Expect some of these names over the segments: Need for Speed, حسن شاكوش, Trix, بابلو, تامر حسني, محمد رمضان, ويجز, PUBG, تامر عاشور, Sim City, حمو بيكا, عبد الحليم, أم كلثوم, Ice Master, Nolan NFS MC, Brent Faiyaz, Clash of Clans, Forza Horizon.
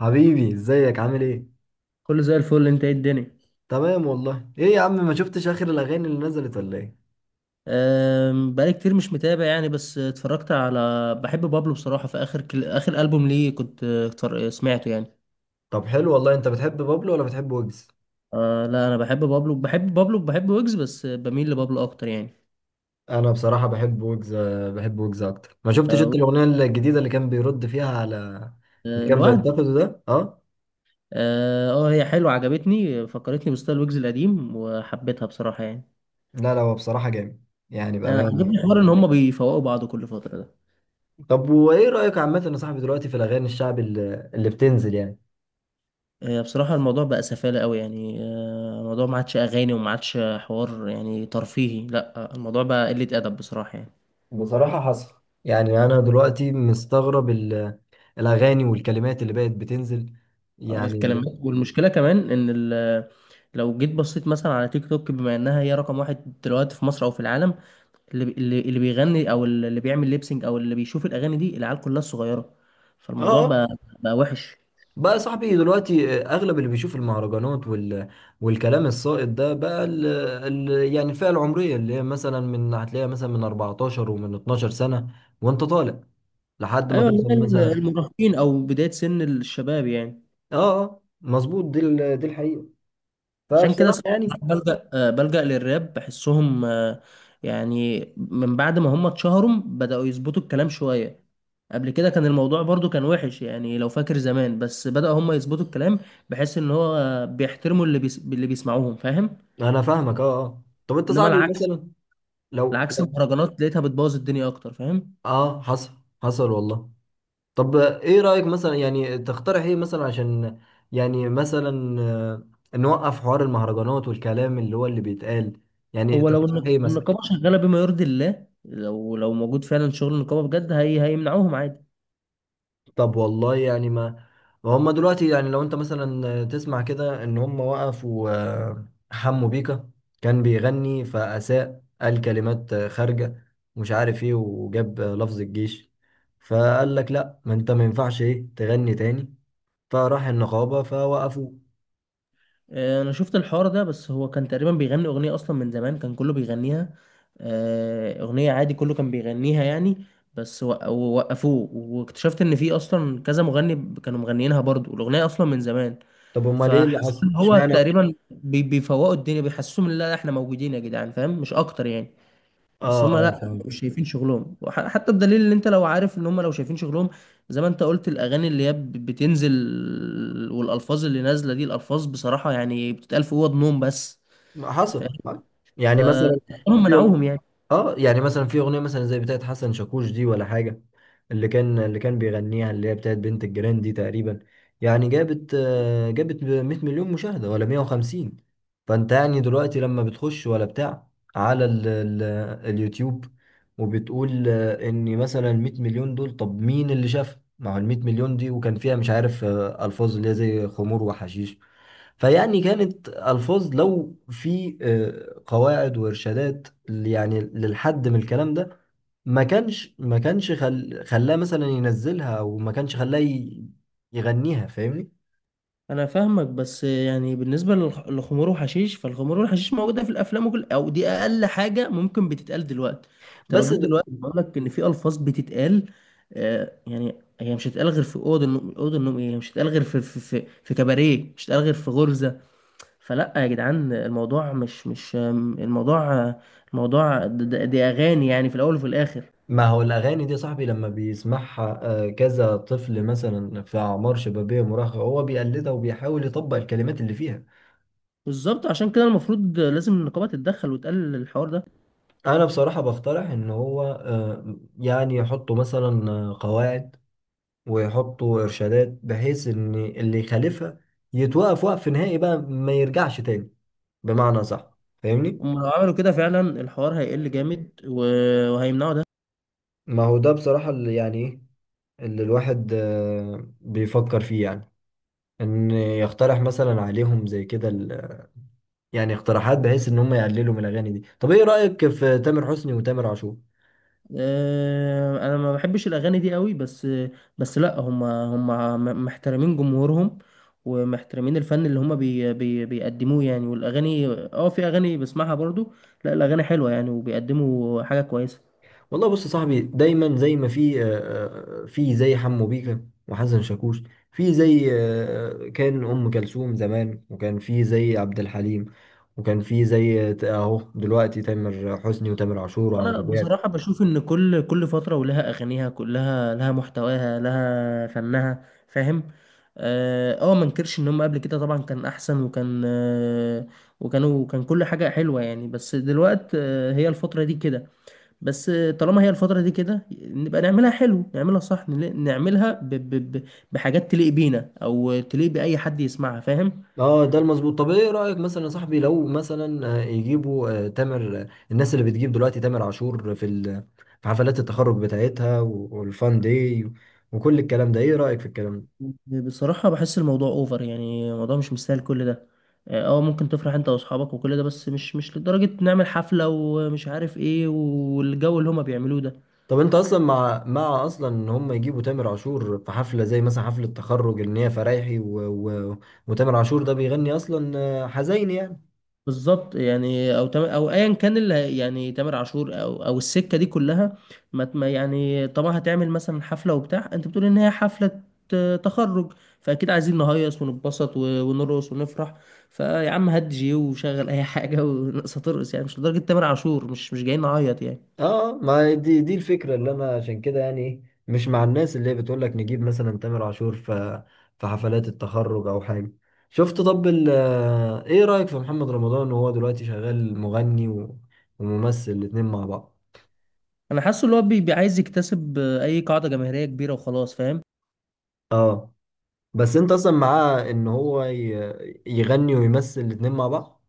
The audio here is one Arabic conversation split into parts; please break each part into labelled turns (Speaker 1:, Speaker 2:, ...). Speaker 1: حبيبي، ازيك؟ عامل ايه؟
Speaker 2: كله زي الفل، انت ايه الدنيا؟
Speaker 1: تمام والله. ايه يا عم، ما شفتش اخر الاغاني اللي نزلت ولا ايه؟
Speaker 2: بقالي كتير مش متابع يعني، بس اتفرجت على بحب بابلو بصراحة. في اخر ألبوم ليه كنت سمعته يعني.
Speaker 1: طب حلو والله. انت بتحب بابلو ولا بتحب ويجز؟
Speaker 2: لا انا بحب بابلو، بحب بابلو، بحب ويجز بس بميل لبابلو اكتر يعني.
Speaker 1: انا بصراحه بحب ويجز. بحب ويجز اكتر. ما شفتش
Speaker 2: أه،
Speaker 1: انت الاغنيه الجديده اللي كان بيرد فيها على اللي كان
Speaker 2: الوعد.
Speaker 1: بينتقده ده؟ اه.
Speaker 2: اه هي حلوة عجبتني، فكرتني بستايل ويجز القديم وحبيتها بصراحة يعني.
Speaker 1: لا لا، هو بصراحه جامد، يعني
Speaker 2: أه،
Speaker 1: بامانه يعني.
Speaker 2: عجبني حوار ان هما بيفوقوا بعض كل فترة ده.
Speaker 1: طب وايه رايك عامه يا صاحبي دلوقتي في الاغاني الشعبي اللي بتنزل يعني؟
Speaker 2: هي بصراحة الموضوع بقى سفالة قوي يعني الموضوع ما عادش أغاني وما عادش حوار يعني ترفيهي، لا الموضوع بقى قلة أدب بصراحة يعني.
Speaker 1: بصراحة حصل. يعني انا دلوقتي مستغرب الاغاني والكلمات اللي بقت بتنزل. يعني
Speaker 2: الكلمات،
Speaker 1: ب-
Speaker 2: والمشكلة كمان إن لو جيت بصيت مثلا على تيك توك، بما إنها هي رقم واحد دلوقتي في مصر أو في العالم، اللي بيغني أو اللي بيعمل ليبسينج أو اللي بيشوف الأغاني دي العيال كلها الصغيرة. فالموضوع
Speaker 1: اه،
Speaker 2: بقى وحش.
Speaker 1: بقى يا صاحبي دلوقتي اغلب اللي بيشوف المهرجانات والكلام السائد ده بقى يعني الفئه العمريه اللي هي مثلا، من هتلاقيها مثلا من 14 ومن 12 سنه، وانت طالع لحد ما
Speaker 2: أيوة، اللي
Speaker 1: توصل
Speaker 2: هي
Speaker 1: مثلا.
Speaker 2: المراهقين أو بداية سن الشباب يعني.
Speaker 1: اه اه مظبوط. دي الحقيقه.
Speaker 2: عشان كده
Speaker 1: فبصراحه
Speaker 2: صراحة
Speaker 1: يعني،
Speaker 2: بلجأ للراب، بحسهم يعني من بعد ما هم اتشهروا بدأوا يظبطوا الكلام شوية. قبل كده كان الموضوع برضو كان وحش يعني، لو فاكر زمان، بس بدأوا هم يظبطوا الكلام بحيث ان هو بيحترموا اللي بيسمعوهم فاهم.
Speaker 1: انا فاهمك. اه اه. طب انت
Speaker 2: انما
Speaker 1: صاحبي
Speaker 2: العكس،
Speaker 1: مثلا لو
Speaker 2: العكس
Speaker 1: لو-
Speaker 2: المهرجانات لقيتها بتبوظ الدنيا اكتر فاهم.
Speaker 1: اه، حصل. حصل والله. طب ايه رأيك مثلا؟ يعني تقترح ايه مثلا عشان، يعني مثلا نوقف حوار المهرجانات والكلام اللي هو اللي بيتقال؟ يعني
Speaker 2: هو لو
Speaker 1: تقترح ايه مثلا؟
Speaker 2: النقابة شغالة بما يرضي الله، لو لو موجود فعلا شغل النقابة بجد هيمنعوهم عادي.
Speaker 1: طب والله يعني، ما هم دلوقتي، يعني لو انت مثلا تسمع كده ان هم وقفوا حمو بيكا. كان بيغني فأساء، قال كلمات خارجة، مش عارف ايه، وجاب لفظ الجيش. فقال لك لا، ما انت ما ينفعش ايه تغني تاني. فراح النقابة فوقفوه.
Speaker 2: انا شفت الحوار ده، بس هو كان تقريبا بيغني اغنيه اصلا من زمان كان كله بيغنيها. اغنيه عادي كله كان بيغنيها يعني، بس وق- ووقفوه واكتشفت ان في اصلا كذا مغني كانوا مغنيينها برضو، الاغنيه اصلا من زمان.
Speaker 1: طب امال ايه اللي
Speaker 2: فحسيت
Speaker 1: حصل
Speaker 2: ان هو
Speaker 1: اشمعنى؟
Speaker 2: تقريبا بيفوقوا الدنيا، بيحسسهم ان لا احنا موجودين يا جدعان فاهم، مش اكتر يعني.
Speaker 1: اه
Speaker 2: بس هم
Speaker 1: اه
Speaker 2: لا
Speaker 1: فاهم.
Speaker 2: مش شايفين شغلهم حتى بدليل ان انت لو عارف ان هم لو شايفين شغلهم زي ما انت قلت الاغاني اللي هي بتنزل، والالفاظ اللي نازله دي، الالفاظ بصراحه يعني بتتقال في اوض نوم بس،
Speaker 1: ما
Speaker 2: فاهم.
Speaker 1: حصل.
Speaker 2: ف-
Speaker 1: يعني مثلا
Speaker 2: فهم
Speaker 1: في أغ-
Speaker 2: منعوهم يعني.
Speaker 1: اه، يعني مثلا في اغنيه مثلا زي بتاعت حسن شاكوش دي ولا حاجه، اللي كان بيغنيها، اللي هي بتاعت بنت الجيران دي تقريبا، يعني جابت، جابت 100 مليون مشاهده ولا 150. فانت يعني دلوقتي لما بتخش ولا بتاع على ال اليوتيوب، وبتقول ان مثلا 100 مليون دول، طب مين اللي شافها؟ ما هو ال 100 مليون دي وكان فيها، مش عارف، الفاظ اللي هي زي خمور وحشيش. فيعني كانت ألفاظ، لو في قواعد وإرشادات يعني للحد من الكلام ده، ما كانش خلاه مثلا ينزلها، أو ما كانش خلاه يغنيها، فاهمني؟
Speaker 2: انا فاهمك، بس يعني بالنسبه للخمور والحشيش، فالخمور والحشيش موجوده في الافلام وكل، او دي اقل حاجه ممكن بتتقال دلوقتي. انت
Speaker 1: بس
Speaker 2: لو جيت
Speaker 1: د...
Speaker 2: دلوقتي بقول لك ان في الفاظ بتتقال، آه يعني، هي مش هتتقال غير في اوضه النوم، اوضه النوم ايه، هي مش هتتقال غير في في كباريه، مش هتتقال غير في غرزه. فلا يا جدعان، الموضوع مش مش آم، الموضوع، الموضوع دي اغاني يعني في الاول وفي الاخر.
Speaker 1: ما هو الأغاني دي يا صاحبي، لما بيسمعها كذا طفل مثلا في أعمار شبابية مراهقة، هو بيقلدها وبيحاول يطبق الكلمات اللي فيها.
Speaker 2: بالظبط، عشان كده المفروض لازم النقابه تتدخل وتقلل الحوار ده.
Speaker 1: أنا بصراحة بقترح إن هو، يعني يحطوا مثلا قواعد، ويحطوا إرشادات بحيث إن اللي يخالفها يتوقف وقف نهائي بقى، ما يرجعش تاني، بمعنى صح، فاهمني؟
Speaker 2: هم لو عملوا كده فعلا الحوار هيقل جامد وهيمنعوا ده.
Speaker 1: ما هو ده بصراحة اللي يعني إيه اللي الواحد بيفكر فيه، يعني إن يقترح مثلا عليهم زي كده يعني اقتراحات، بحيث إن هم يقللوا من الأغاني دي. طب إيه رأيك في تامر حسني وتامر عاشور؟
Speaker 2: انا ما بحبش الاغاني دي قوي، بس بس لا هم هم محترمين جمهورهم ومحترمين الفن اللي هم بي بي بيقدموه يعني، والاغاني اه في اغاني بسمعها برضو. لا الاغاني حلوة يعني وبيقدموا حاجة كويسة.
Speaker 1: والله بص يا صاحبي، دايما زي ما في، في زي حمو بيكا وحسن شاكوش، في زي، كان ام كلثوم زمان، وكان في زي عبد الحليم، وكان في زي اهو دلوقتي تامر حسني وتامر عاشور وعمرو
Speaker 2: انا
Speaker 1: دياب.
Speaker 2: بصراحه بشوف ان كل فتره ولها اغانيها، كلها لها محتواها لها فنها فاهم. اه ما انكرش ان هم قبل كده طبعا كان احسن، وكان آه وكانوا كان كل حاجه حلوه يعني، بس دلوقتي آه هي الفتره دي كده. بس طالما هي الفتره دي كده نبقى نعملها حلو، نعملها صح، نعملها ب ب ب بحاجات تليق بينا او تليق باي حد يسمعها فاهم.
Speaker 1: اه ده المظبوط. طب ايه رايك مثلا يا صاحبي لو مثلا يجيبوا، آه، تامر آه، الناس اللي بتجيب دلوقتي تامر عاشور في في حفلات التخرج بتاعتها والفان داي وكل الكلام ده، ايه رايك في الكلام ده؟
Speaker 2: بصراحة بحس الموضوع اوفر يعني، الموضوع مش مستاهل كل ده. اه ممكن تفرح انت واصحابك وكل ده، بس مش مش لدرجة نعمل حفلة ومش عارف ايه والجو اللي هما بيعملوه ده.
Speaker 1: طب انت اصلا مع مع ان هم يجيبوا تامر عاشور في حفله، زي مثلا حفله تخرج، ان هي فرايحي و... وتامر عاشور ده بيغني اصلا حزين يعني؟
Speaker 2: بالظبط يعني، او تم او ايا كان يعني تامر عاشور او او السكة دي كلها. ما ت- ما يعني طبعا هتعمل مثلا حفلة وبتاع، انت بتقول ان هي حفلة تخرج، فاكيد عايزين نهيص ونتبسط ونرقص ونفرح. فيا عم هات جي وشغل اي حاجة ونقص ترقص يعني، مش لدرجة تامر عاشور، مش مش جايين نعيط يعني.
Speaker 1: اه ما دي الفكره اللي انا عشان كده يعني ايه، مش مع الناس اللي هي بتقول لك نجيب مثلا تامر عاشور في حفلات التخرج او حاجه. شفت؟ طب ال... آه، ايه رايك في محمد رمضان وهو دلوقتي شغال مغني وممثل الاتنين مع بعض؟
Speaker 2: انا حاسه اللي هو عايز يكتسب اي قاعده جماهيريه كبيره وخلاص فاهم.
Speaker 1: اه. بس انت اصلا معاه ان هو يغني ويمثل الاتنين مع بعض؟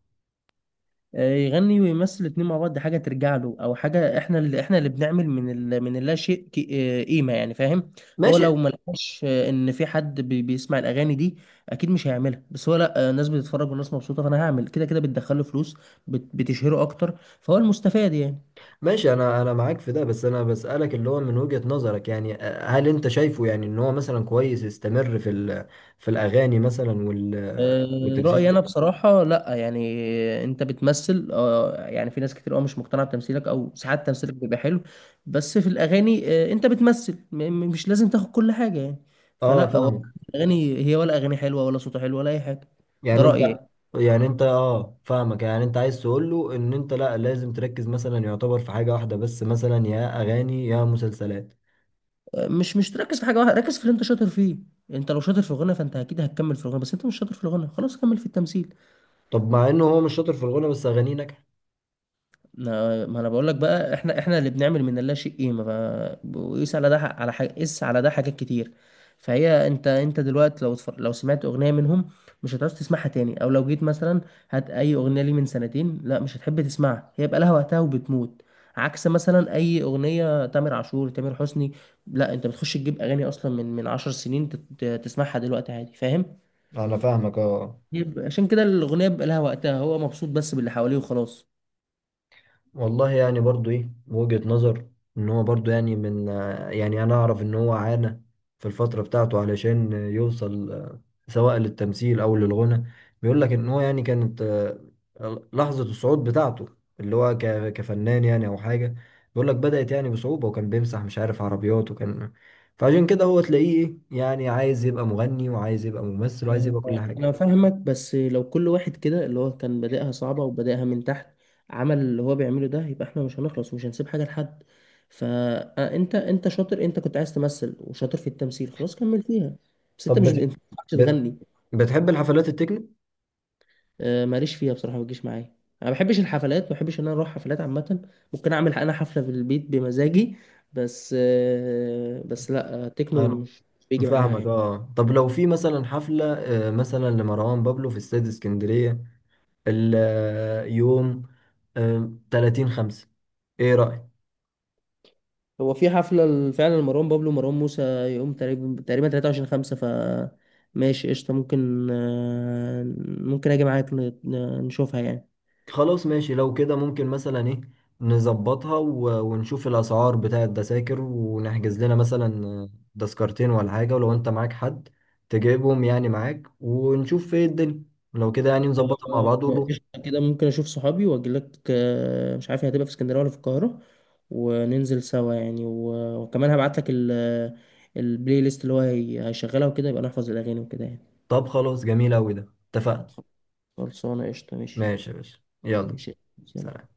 Speaker 2: يغني ويمثل الاتنين مع بعض، دي حاجه ترجع له او حاجه احنا اللي بنعمل من من اللا شيء قيمه يعني فاهم. هو لو
Speaker 1: ماشي.
Speaker 2: ما لقاش ان في حد بيسمع الاغاني دي اكيد مش هيعملها، بس هو لا الناس بتتفرج والناس مبسوطه، فانا هعمل كده كده، بتدخله فلوس، بتشهره اكتر فهو المستفاد يعني.
Speaker 1: ماشي، انا معاك في ده، بس انا بسألك اللي هو من وجهة نظرك يعني، هل انت شايفه يعني ان هو مثلا كويس يستمر في في الاغاني مثلا
Speaker 2: رأيي
Speaker 1: والتمثيل؟
Speaker 2: أنا بصراحة لأ يعني. أنت بتمثل يعني في ناس كتير أوي مش مقتنعة بتمثيلك، أو ساعات تمثيلك بيبقى حلو، بس في الأغاني أنت بتمثل مش لازم تاخد كل حاجة يعني.
Speaker 1: اه
Speaker 2: فلأ هو
Speaker 1: فاهمك.
Speaker 2: الأغاني هي، ولا أغاني حلوة ولا صوته حلو ولا أي حاجة. ده
Speaker 1: يعني
Speaker 2: رأيي.
Speaker 1: انت، يعني انت، اه فاهمك، يعني انت عايز تقول له ان انت لا، لازم تركز مثلا يعتبر في حاجة واحدة بس، مثلا يا اغاني يا مسلسلات.
Speaker 2: مش مش تركز في حاجة واحدة، ركز في اللي أنت شاطر فيه. أنت لو شاطر في الغنى فأنت أكيد هتكمل في الغنى، بس أنت مش شاطر في الغنى خلاص كمل في التمثيل.
Speaker 1: طب مع انه هو مش شاطر في الغنى بس اغانيه ناجحة؟
Speaker 2: ما ما انا بقول لك بقى، احنا اللي بنعمل من اللا شيء قيمه، وقيس على ده على حاجه، قيس على ده حاجات كتير. فهي انت، انت دلوقتي لو لو سمعت اغنيه منهم مش هتعوز تسمعها تاني، او لو جيت مثلا هات اي اغنيه لي من سنتين لا مش هتحب تسمعها، هي بقى لها وقتها وبتموت. عكس مثلا اي اغنيه تامر عاشور، تامر حسني، لا انت بتخش تجيب اغاني اصلا من من 10 سنين تسمعها دلوقتي عادي فاهم.
Speaker 1: انا فاهمك اه.
Speaker 2: يبقى عشان كده الاغنيه بقى لها وقتها، هو مبسوط بس باللي حواليه وخلاص.
Speaker 1: والله يعني برضو ايه وجهة نظر، ان هو برضو يعني من، يعني انا اعرف ان هو عانى في الفترة بتاعته علشان، يوصل، سواء للتمثيل او للغنى. بيقول لك ان هو يعني كانت لحظة الصعود بتاعته، اللي هو كفنان يعني او حاجة. بيقول لك بدأت يعني بصعوبة، وكان بيمسح مش عارف عربيات، وكان، فعشان كده هو تلاقيه ايه، يعني عايز يبقى مغني وعايز يبقى ممثل وعايز
Speaker 2: آه،
Speaker 1: يبقى كل حاجة.
Speaker 2: انا فاهمك، بس لو كل واحد كده اللي هو كان بادئها صعبة وبادئها من تحت عمل اللي هو بيعمله ده يبقى احنا مش هنخلص ومش هنسيب حاجة لحد. فانت، انت شاطر، انت كنت عايز تمثل وشاطر في التمثيل خلاص كمل فيها، بس انت
Speaker 1: طب
Speaker 2: مش انت ما بتعرفش
Speaker 1: بت...
Speaker 2: تغني.
Speaker 1: بتحب الحفلات التكنو؟
Speaker 2: ماليش فيها بصراحة، ما بتجيش معايا. انا ما بحبش الحفلات، ما بحبش ان انا اروح حفلات عامة، ممكن اعمل انا حفلة في البيت بمزاجي. بس بس لا تكنو
Speaker 1: أنا
Speaker 2: مش مش بيجي معايا
Speaker 1: فاهمك
Speaker 2: يعني.
Speaker 1: اه. طب لو في مثلا حفلة مثلا لمروان بابلو في استاد اسكندرية، اليوم 30 خمسة، ايه رأيك؟
Speaker 2: هو في حفلة فعلا لمروان بابلو ومروان موسى، يوم تقريبا تقريبا 23/5 ف ماشي قشطة، ممكن ممكن أجي معاك نشوفها يعني.
Speaker 1: خلاص ماشي. لو كده ممكن مثلا ايه، نظبطها ونشوف الأسعار بتاع التذاكر، ونحجز لنا مثلا تذكرتين ولا حاجة، ولو انت معاك حد تجيبهم يعني معاك، ونشوف ايه الدنيا. لو كده يعني نظبطها مع
Speaker 2: آه،
Speaker 1: بعض ونروح.
Speaker 2: قشطة كده، ممكن أشوف صحابي وأجيلك، مش عارف هي هتبقى في اسكندرية ولا في القاهرة، وننزل سوا يعني، وكمان هبعتلك البلاي ليست اللي هو هيشغلها، وكده يبقى نحفظ الأغاني وكده يعني.
Speaker 1: طب خلاص، جميل أوي، ده اتفقنا.
Speaker 2: خلصانة قشطة ماشي.
Speaker 1: ماشي يا باشا، يلا.
Speaker 2: ماشي.
Speaker 1: سلام.
Speaker 2: سلام.